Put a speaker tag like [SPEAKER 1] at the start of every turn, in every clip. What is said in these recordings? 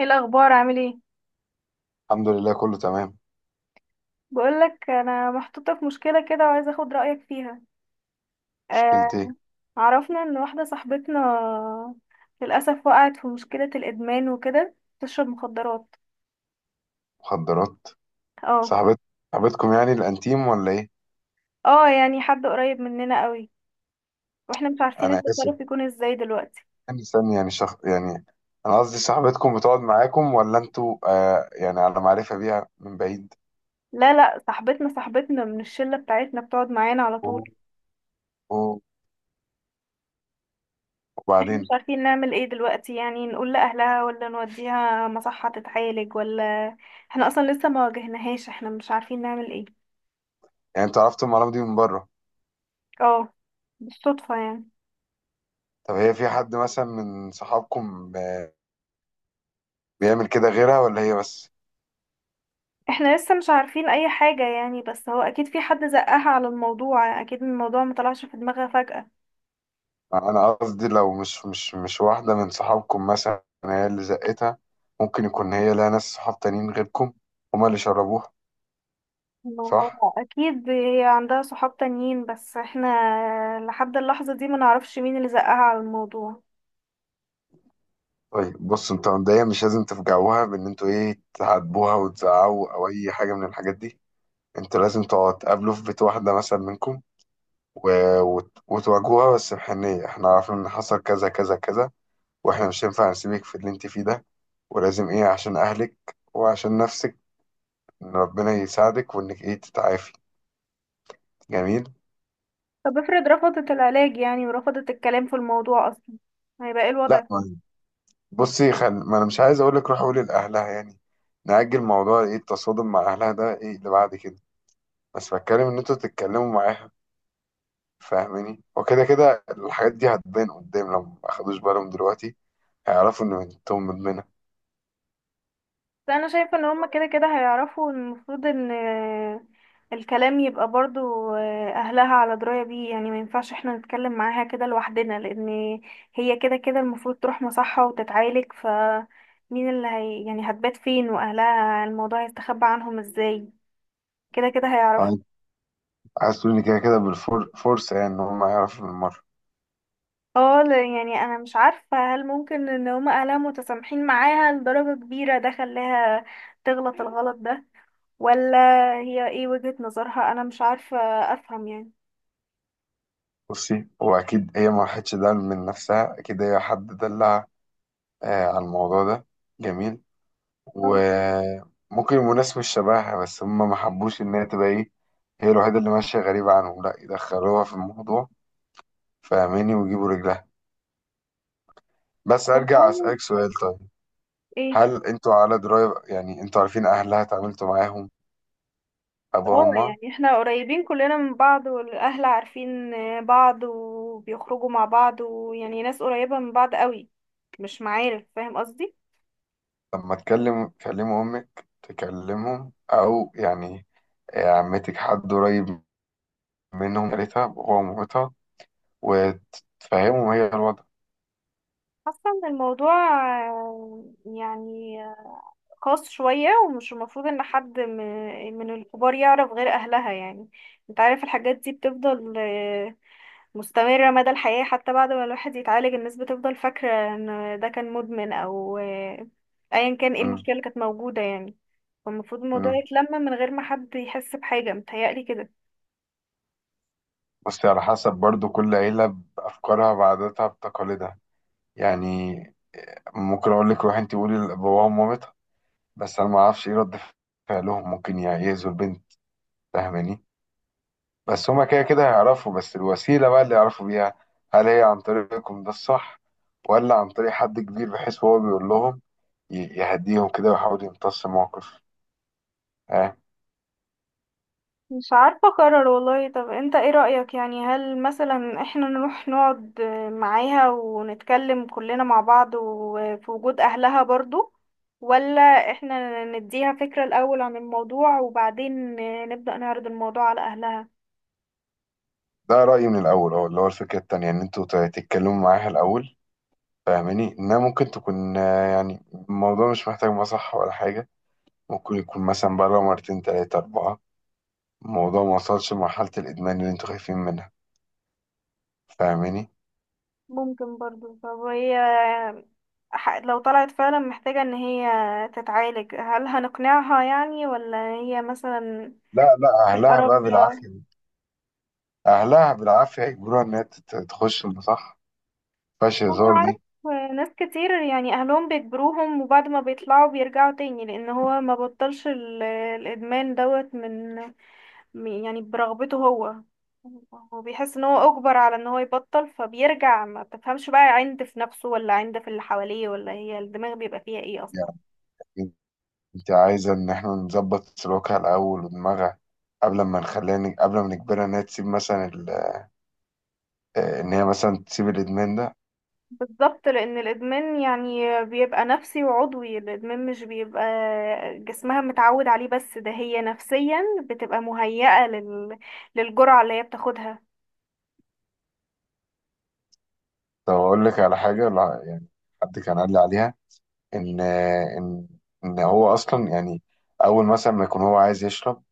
[SPEAKER 1] ايه الاخبار؟ عامل ايه؟
[SPEAKER 2] الحمد لله، كله تمام.
[SPEAKER 1] بقولك انا محطوطه في مشكله كده وعايزه اخد رايك فيها. آه.
[SPEAKER 2] مشكلتي؟
[SPEAKER 1] عرفنا ان واحده صاحبتنا للاسف وقعت في مشكله الادمان وكده تشرب مخدرات.
[SPEAKER 2] مخدرات؟
[SPEAKER 1] اه.
[SPEAKER 2] صاحبت صاحبتكم يعني الانتيم ولا ايه؟
[SPEAKER 1] اه، يعني حد قريب مننا قوي، واحنا مش عارفين
[SPEAKER 2] انا اسف،
[SPEAKER 1] التصرف يكون ازاي دلوقتي.
[SPEAKER 2] يعني استني، يعني يعني انا قصدي صاحبتكم بتقعد معاكم ولا انتوا يعني على معرفة بيها من بعيد؟
[SPEAKER 1] لا لا، صاحبتنا صاحبتنا من الشله بتاعتنا بتقعد معانا على
[SPEAKER 2] و-
[SPEAKER 1] طول.
[SPEAKER 2] و-
[SPEAKER 1] احنا مش
[SPEAKER 2] وبعدين؟
[SPEAKER 1] عارفين نعمل ايه دلوقتي، يعني نقول لاهلها ولا نوديها مصحه تتعالج ولا. احنا اصلا لسه ما واجهناهاش، احنا مش عارفين نعمل ايه.
[SPEAKER 2] يعني انتوا عرفتوا المعلومة دي من بره؟
[SPEAKER 1] اه، بالصدفة يعني.
[SPEAKER 2] طب هي في حد مثلا من صحابكم بيعمل كده غيرها ولا هي بس؟
[SPEAKER 1] احنا لسه مش عارفين اي حاجة يعني، بس هو اكيد في حد زقها على الموضوع، اكيد الموضوع مطلعش في دماغها فجأة.
[SPEAKER 2] انا قصدي لو مش واحدة من صحابكم مثلا هي اللي زقتها، ممكن يكون هي لها ناس صحاب تانيين غيركم هما اللي شربوها.
[SPEAKER 1] ما
[SPEAKER 2] صح.
[SPEAKER 1] هو اكيد هي عندها صحاب تانيين، بس احنا لحد اللحظة دي ما نعرفش مين اللي زقها على الموضوع.
[SPEAKER 2] طيب بص، انت مبدئيا مش لازم تفجعوها بان انتوا ايه تعاتبوها وتزعقوا او اي حاجه من الحاجات دي. انتوا لازم تقعدوا تقابلوا في بيت واحده مثلا منكم و... وتواجهوها بس بحنيه، احنا عارفين ان حصل كذا كذا كذا، واحنا مش هينفع نسيبك في اللي انت فيه ده، ولازم ايه عشان اهلك وعشان نفسك ان ربنا يساعدك وانك ايه تتعافي. جميل.
[SPEAKER 1] طب افرض رفضت العلاج يعني ورفضت الكلام في الموضوع اصلا، هيبقى ايه الوضع؟
[SPEAKER 2] لا، بصي ما انا مش عايز اقول لك روح قولي لاهلها، يعني نأجل موضوع ايه التصادم مع اهلها ده، ايه اللي بعد كده، بس بتكلم ان انتوا تتكلموا معاها، فاهماني؟ وكده كده الحاجات دي هتبان قدام، لو ما اخدوش بالهم دلوقتي هيعرفوا ان بنتهم مدمنه.
[SPEAKER 1] بس انا شايفه ان هما كده كده هيعرفوا، المفروض ان الكلام يبقى برضو، اهلها على درايه بيه، يعني ما ينفعش احنا نتكلم معاها كده لوحدنا، لان هي كده كده المفروض تروح مصحه وتتعالج، ف مين اللي هي يعني هتبات فين واهلها؟ الموضوع هيستخبى عنهم ازاي؟ كده كده هيعرفوا.
[SPEAKER 2] عايز عايز تقولي كده كده بالفرصه، يعني ان هم يعرفوا بالمره.
[SPEAKER 1] اه، يعني انا مش عارفه هل ممكن ان هما اهلها متسامحين معاها لدرجه كبيره ده خلاها تغلط الغلط ده، ولا هي ايه وجهة نظرها؟ انا مش عارفة افهم يعني.
[SPEAKER 2] بصي، هو اكيد هي ما راحتش ده من نفسها، اكيد هي حد دلع على الموضوع ده. جميل.
[SPEAKER 1] آه.
[SPEAKER 2] وممكن يبقوا ناس مش شبهها، بس هم ما حبوش ان هي تبقى ايه، هي الوحيده اللي ماشيه غريبه عنهم، لا يدخلوها في الموضوع، فاهماني، ويجيبوا رجلها. بس ارجع
[SPEAKER 1] والله.
[SPEAKER 2] اسالك سؤال طيب،
[SPEAKER 1] ايه؟
[SPEAKER 2] هل انتوا على دراية، يعني انتوا عارفين اهلها، اتعاملتوا معاهم، ابوها
[SPEAKER 1] اه،
[SPEAKER 2] وامها؟
[SPEAKER 1] يعني احنا قريبين كلنا من بعض، والاهل عارفين بعض وبيخرجوا مع بعض ويعني ناس قريبة من بعض قوي، مش معارف، فاهم قصدي.
[SPEAKER 2] لما تكلموا امك تكلمهم او يعني عمتك، حد قريب منهم، قالتها باباها ومامتها وتفهمهم هي الوضع.
[SPEAKER 1] حاسة ان الموضوع يعني خاص شوية، ومش المفروض ان حد من الكبار يعرف غير اهلها يعني. انت عارف الحاجات دي بتفضل مستمرة مدى الحياة، حتى بعد ما الواحد يتعالج الناس بتفضل فاكرة ان ده كان مدمن او ايا كان ايه
[SPEAKER 2] مم.
[SPEAKER 1] المشكلة اللي كانت موجودة يعني. فالمفروض الموضوع
[SPEAKER 2] مم.
[SPEAKER 1] يتلم من غير ما حد يحس بحاجة، متهيألي كده.
[SPEAKER 2] بس على حسب، برضو كل عيلة بأفكارها بعاداتها بتقاليدها. يعني ممكن أقول لك روحي أنت قولي لباباها ومامتها، بس أنا ما أعرفش إيه رد فعلهم، ممكن يعيزوا البنت، فاهماني؟ بس هما كده كده هيعرفوا، بس الوسيلة بقى اللي يعرفوا بيها، هل هي عن طريقكم ده الصح، ولا عن طريق حد كبير بحيث هو بيقول لهم يهديهم كده ويحاول يمتص الموقف؟ ها.
[SPEAKER 1] مش عارفة أقرر والله. طب انت ايه رأيك، يعني هل مثلا احنا نروح نقعد معاها ونتكلم كلنا مع بعض وفي وجود أهلها برضو، ولا احنا نديها فكرة الأول عن الموضوع وبعدين نبدأ نعرض الموضوع على أهلها؟
[SPEAKER 2] ده رأيي من الأول، أهو اللي هو الفكرة التانية، إن أنتوا تتكلموا معاها الأول، فاهماني؟ إنها ممكن تكون يعني الموضوع مش محتاج مصح ولا حاجة، ممكن يكون مثلا بره مرتين تلاتة أربعة، الموضوع ما وصلش لمرحلة الإدمان اللي أنتوا خايفين منها، فاهماني؟
[SPEAKER 1] ممكن برضو. طب هي لو طلعت فعلا محتاجة ان هي تتعالج، هل هنقنعها يعني ولا هي مثلا
[SPEAKER 2] لا لا،
[SPEAKER 1] تبقى
[SPEAKER 2] أهلها بقى
[SPEAKER 1] رافضة؟
[SPEAKER 2] بالعافية. اهلها بالعافيه يجبروها ان هي تخش، ده صح، فيهاش
[SPEAKER 1] انا
[SPEAKER 2] هزار
[SPEAKER 1] عارف
[SPEAKER 2] دي.
[SPEAKER 1] ناس كتير يعني اهلهم بيجبروهم، وبعد ما بيطلعوا بيرجعوا تاني، لان هو ما بطلش الادمان دوت من يعني برغبته هو، هو بيحس ان هو اجبر على ان هو يبطل فبيرجع، ما تفهمش بقى عند في نفسه ولا عند في اللي حواليه ولا هي الدماغ بيبقى فيها ايه اصلا.
[SPEAKER 2] يعني انت عايزه ان احنا نظبط سلوكها الاول ودماغها قبل ما نخليها قبل ما نجبرها ان هي تسيب مثلا ال... آه، ان هي مثلا تسيب الادمان ده.
[SPEAKER 1] بالظبط، لان الادمان يعني بيبقى نفسي وعضوي، الادمان مش بيبقى جسمها متعود عليه بس، ده هي نفسيا بتبقى مهيئة للجرعة اللي هي بتاخدها.
[SPEAKER 2] طب اقول لك على حاجه، لا يعني حد كان قال لي عليها ان آه، ان ان هو اصلا، يعني اول مثلا ما يكون هو عايز يشرب،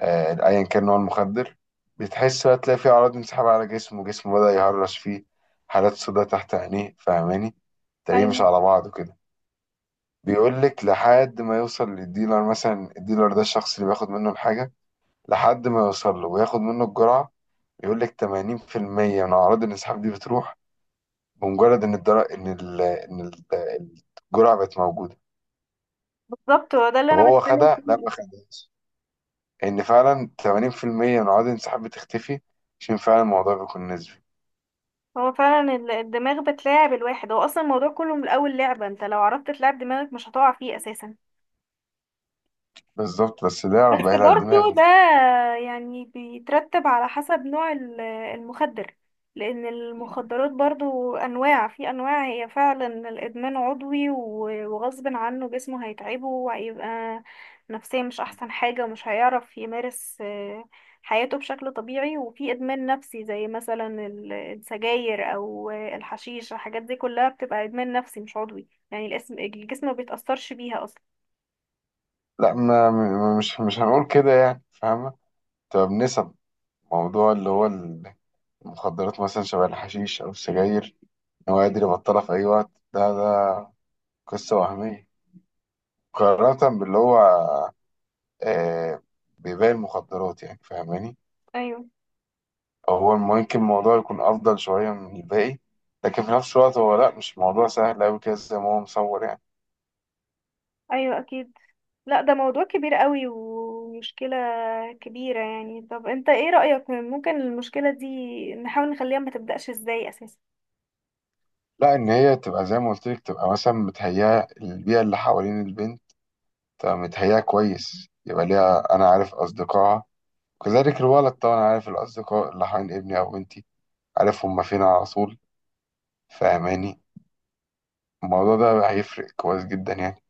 [SPEAKER 2] ايا كان نوع المخدر، بتحس بقى تلاقي فيه اعراض انسحاب على جسمه. جسمه بدأ يهرش فيه، حالات سوداء تحت عينيه، فاهماني، تلاقيه مش
[SPEAKER 1] ايوه،
[SPEAKER 2] على بعضه كده. بيقول لك لحد ما يوصل للديلر، مثلا الديلر ده الشخص اللي بياخد منه الحاجة، لحد ما يوصل له وياخد منه الجرعة، يقول لك 80% من اعراض الانسحاب دي بتروح بمجرد ان الدرق ان ال ان ال- الجرعة بقت موجودة.
[SPEAKER 1] بالظبط، هو ده اللي
[SPEAKER 2] طب
[SPEAKER 1] انا
[SPEAKER 2] هو
[SPEAKER 1] بتكلم
[SPEAKER 2] خدها لا
[SPEAKER 1] فيه.
[SPEAKER 2] ما خدهاش ان فعلا 80% من اعراض الانسحاب بتختفي؟ عشان فعلا الموضوع بيكون نسبي.
[SPEAKER 1] هو فعلا الدماغ بتلاعب الواحد، هو اصلا الموضوع كله من الاول لعبة، انت لو عرفت تلعب دماغك مش هتقع فيه اساسا.
[SPEAKER 2] بالظبط، بس ده يعرف
[SPEAKER 1] بس
[SPEAKER 2] بقى يلعب
[SPEAKER 1] برضو ده
[SPEAKER 2] دماغه.
[SPEAKER 1] يعني بيترتب على حسب نوع المخدر، لأن المخدرات برضو أنواع في أنواع. هي فعلا الإدمان عضوي وغصب عنه جسمه هيتعبه وهيبقى نفسيا مش أحسن حاجة، ومش هيعرف يمارس حياته بشكل طبيعي. وفي إدمان نفسي زي مثلا السجاير أو الحشيش، الحاجات دي كلها بتبقى إدمان نفسي مش عضوي، يعني الاسم، الجسم ما بيتأثرش بيها أصلا.
[SPEAKER 2] لا، ما م- مش مش هنقول كده، يعني فاهمة، تبقى بنسب موضوع اللي هو المخدرات مثلا شبه الحشيش أو السجاير، إن هو قادر يبطلها في أي وقت، ده قصة وهمية مقارنة باللي هو آه بيبيع المخدرات، يعني فاهماني؟
[SPEAKER 1] أيوه.
[SPEAKER 2] أو هو ممكن الموضوع يكون أفضل شوية من الباقي، لكن في نفس الوقت هو لا، مش موضوع سهل أوي كده زي ما هو مصور، يعني
[SPEAKER 1] أيوه، أكيد. لا، ده موضوع كبير قوي ومشكلة كبيرة يعني. طب انت ايه رأيك، ممكن المشكلة دي نحاول نخليها ما تبدأش ازاي اساسا؟
[SPEAKER 2] لا إن هي تبقى زي ما قلت لك، تبقى مثلا متهيئة البيئة اللي حوالين البنت. طب متهيأ كويس يبقى ليها، أنا عارف أصدقائها، كذلك الولد طبعا عارف الأصدقاء اللي حوالين ابني أو بنتي، عارف هما فين على طول، فاهماني، الموضوع ده هيفرق كويس جدا، يعني.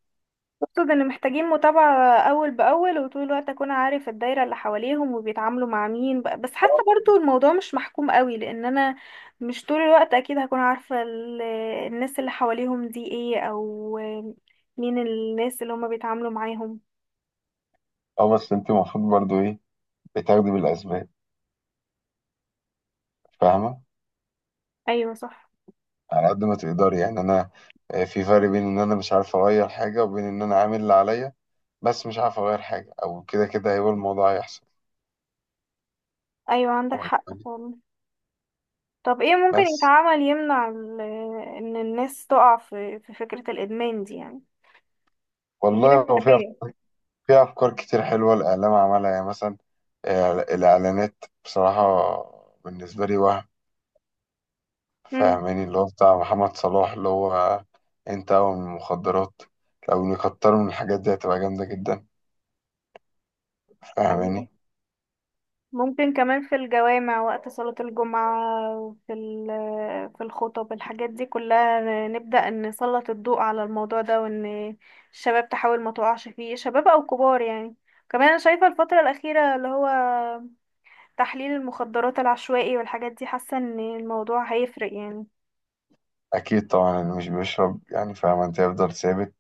[SPEAKER 1] اقصد ان محتاجين متابعة اول باول، وطول الوقت اكون عارف الدايرة اللي حواليهم وبيتعاملوا مع مين، بس حاسة برضو الموضوع مش محكوم قوي، لان انا مش طول الوقت اكيد هكون عارفة الناس اللي حواليهم دي ايه، او مين الناس اللي هما بيتعاملوا معاهم.
[SPEAKER 2] اه، بس انت المفروض برضو ايه، بتاخدي بالأسباب، فاهمة؟
[SPEAKER 1] ايوه، صح.
[SPEAKER 2] على قد ما تقدري، يعني أنا في فرق بين إن أنا مش عارف أغير حاجة وبين إن أنا عامل اللي عليا بس مش عارف أغير حاجة، أو كده كده هيبقى الموضوع هيحصل.
[SPEAKER 1] ايوه، عندك
[SPEAKER 2] واخد
[SPEAKER 1] حق
[SPEAKER 2] بالك؟
[SPEAKER 1] فعلا. طب ايه ممكن
[SPEAKER 2] بس
[SPEAKER 1] يتعمل يمنع ان الناس تقع في فكرة الادمان دي، يعني غير
[SPEAKER 2] والله هو في
[SPEAKER 1] التربية؟
[SPEAKER 2] في أفكار كتير حلوة الإعلام عملها، يعني مثلا الإعلانات بصراحة بالنسبة لي وهم،
[SPEAKER 1] امم.
[SPEAKER 2] فاهماني، اللي هو بتاع محمد صلاح، اللي هو أنت أول من المخدرات، لو يكتروا من الحاجات دي هتبقى جامدة جدا،
[SPEAKER 1] أيوة.
[SPEAKER 2] فاهماني؟
[SPEAKER 1] ممكن كمان في الجوامع وقت صلاة الجمعة في في الخطب، الحاجات دي كلها نبدأ نسلط الضوء على الموضوع ده، وان الشباب تحاول ما تقعش فيه، شباب او كبار يعني. كمان انا شايفة الفترة الأخيرة اللي هو تحليل المخدرات العشوائي والحاجات دي، حاسة ان الموضوع هيفرق يعني.
[SPEAKER 2] أكيد طبعا اللي مش بيشرب يعني فاهم أنت هيفضل ثابت،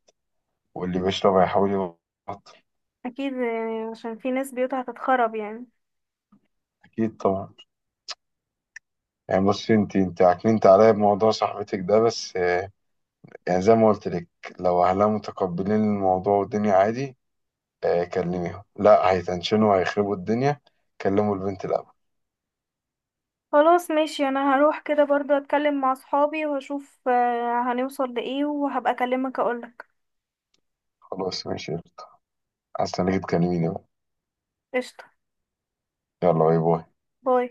[SPEAKER 2] واللي بيشرب هيحاول يبطل.
[SPEAKER 1] اكيد يعني عشان في ناس بيوتها هتتخرب يعني.
[SPEAKER 2] أكيد طبعا. يعني بصي، أنت عكننت عليا بموضوع صاحبتك ده، بس يعني زي ما قلت لك، لو أهلها متقبلين الموضوع والدنيا عادي، كلميهم، لا هيتنشنوا هيخربوا الدنيا، كلموا البنت الأول.
[SPEAKER 1] خلاص ماشي، انا هروح كده برضو اتكلم مع صحابي واشوف هنوصل لايه، وهبقى اكلمك اقولك.
[SPEAKER 2] خلاص ماشي. هستناكي تكلميني بقى.
[SPEAKER 1] قشطة.
[SPEAKER 2] يلا باي باي.
[SPEAKER 1] باي.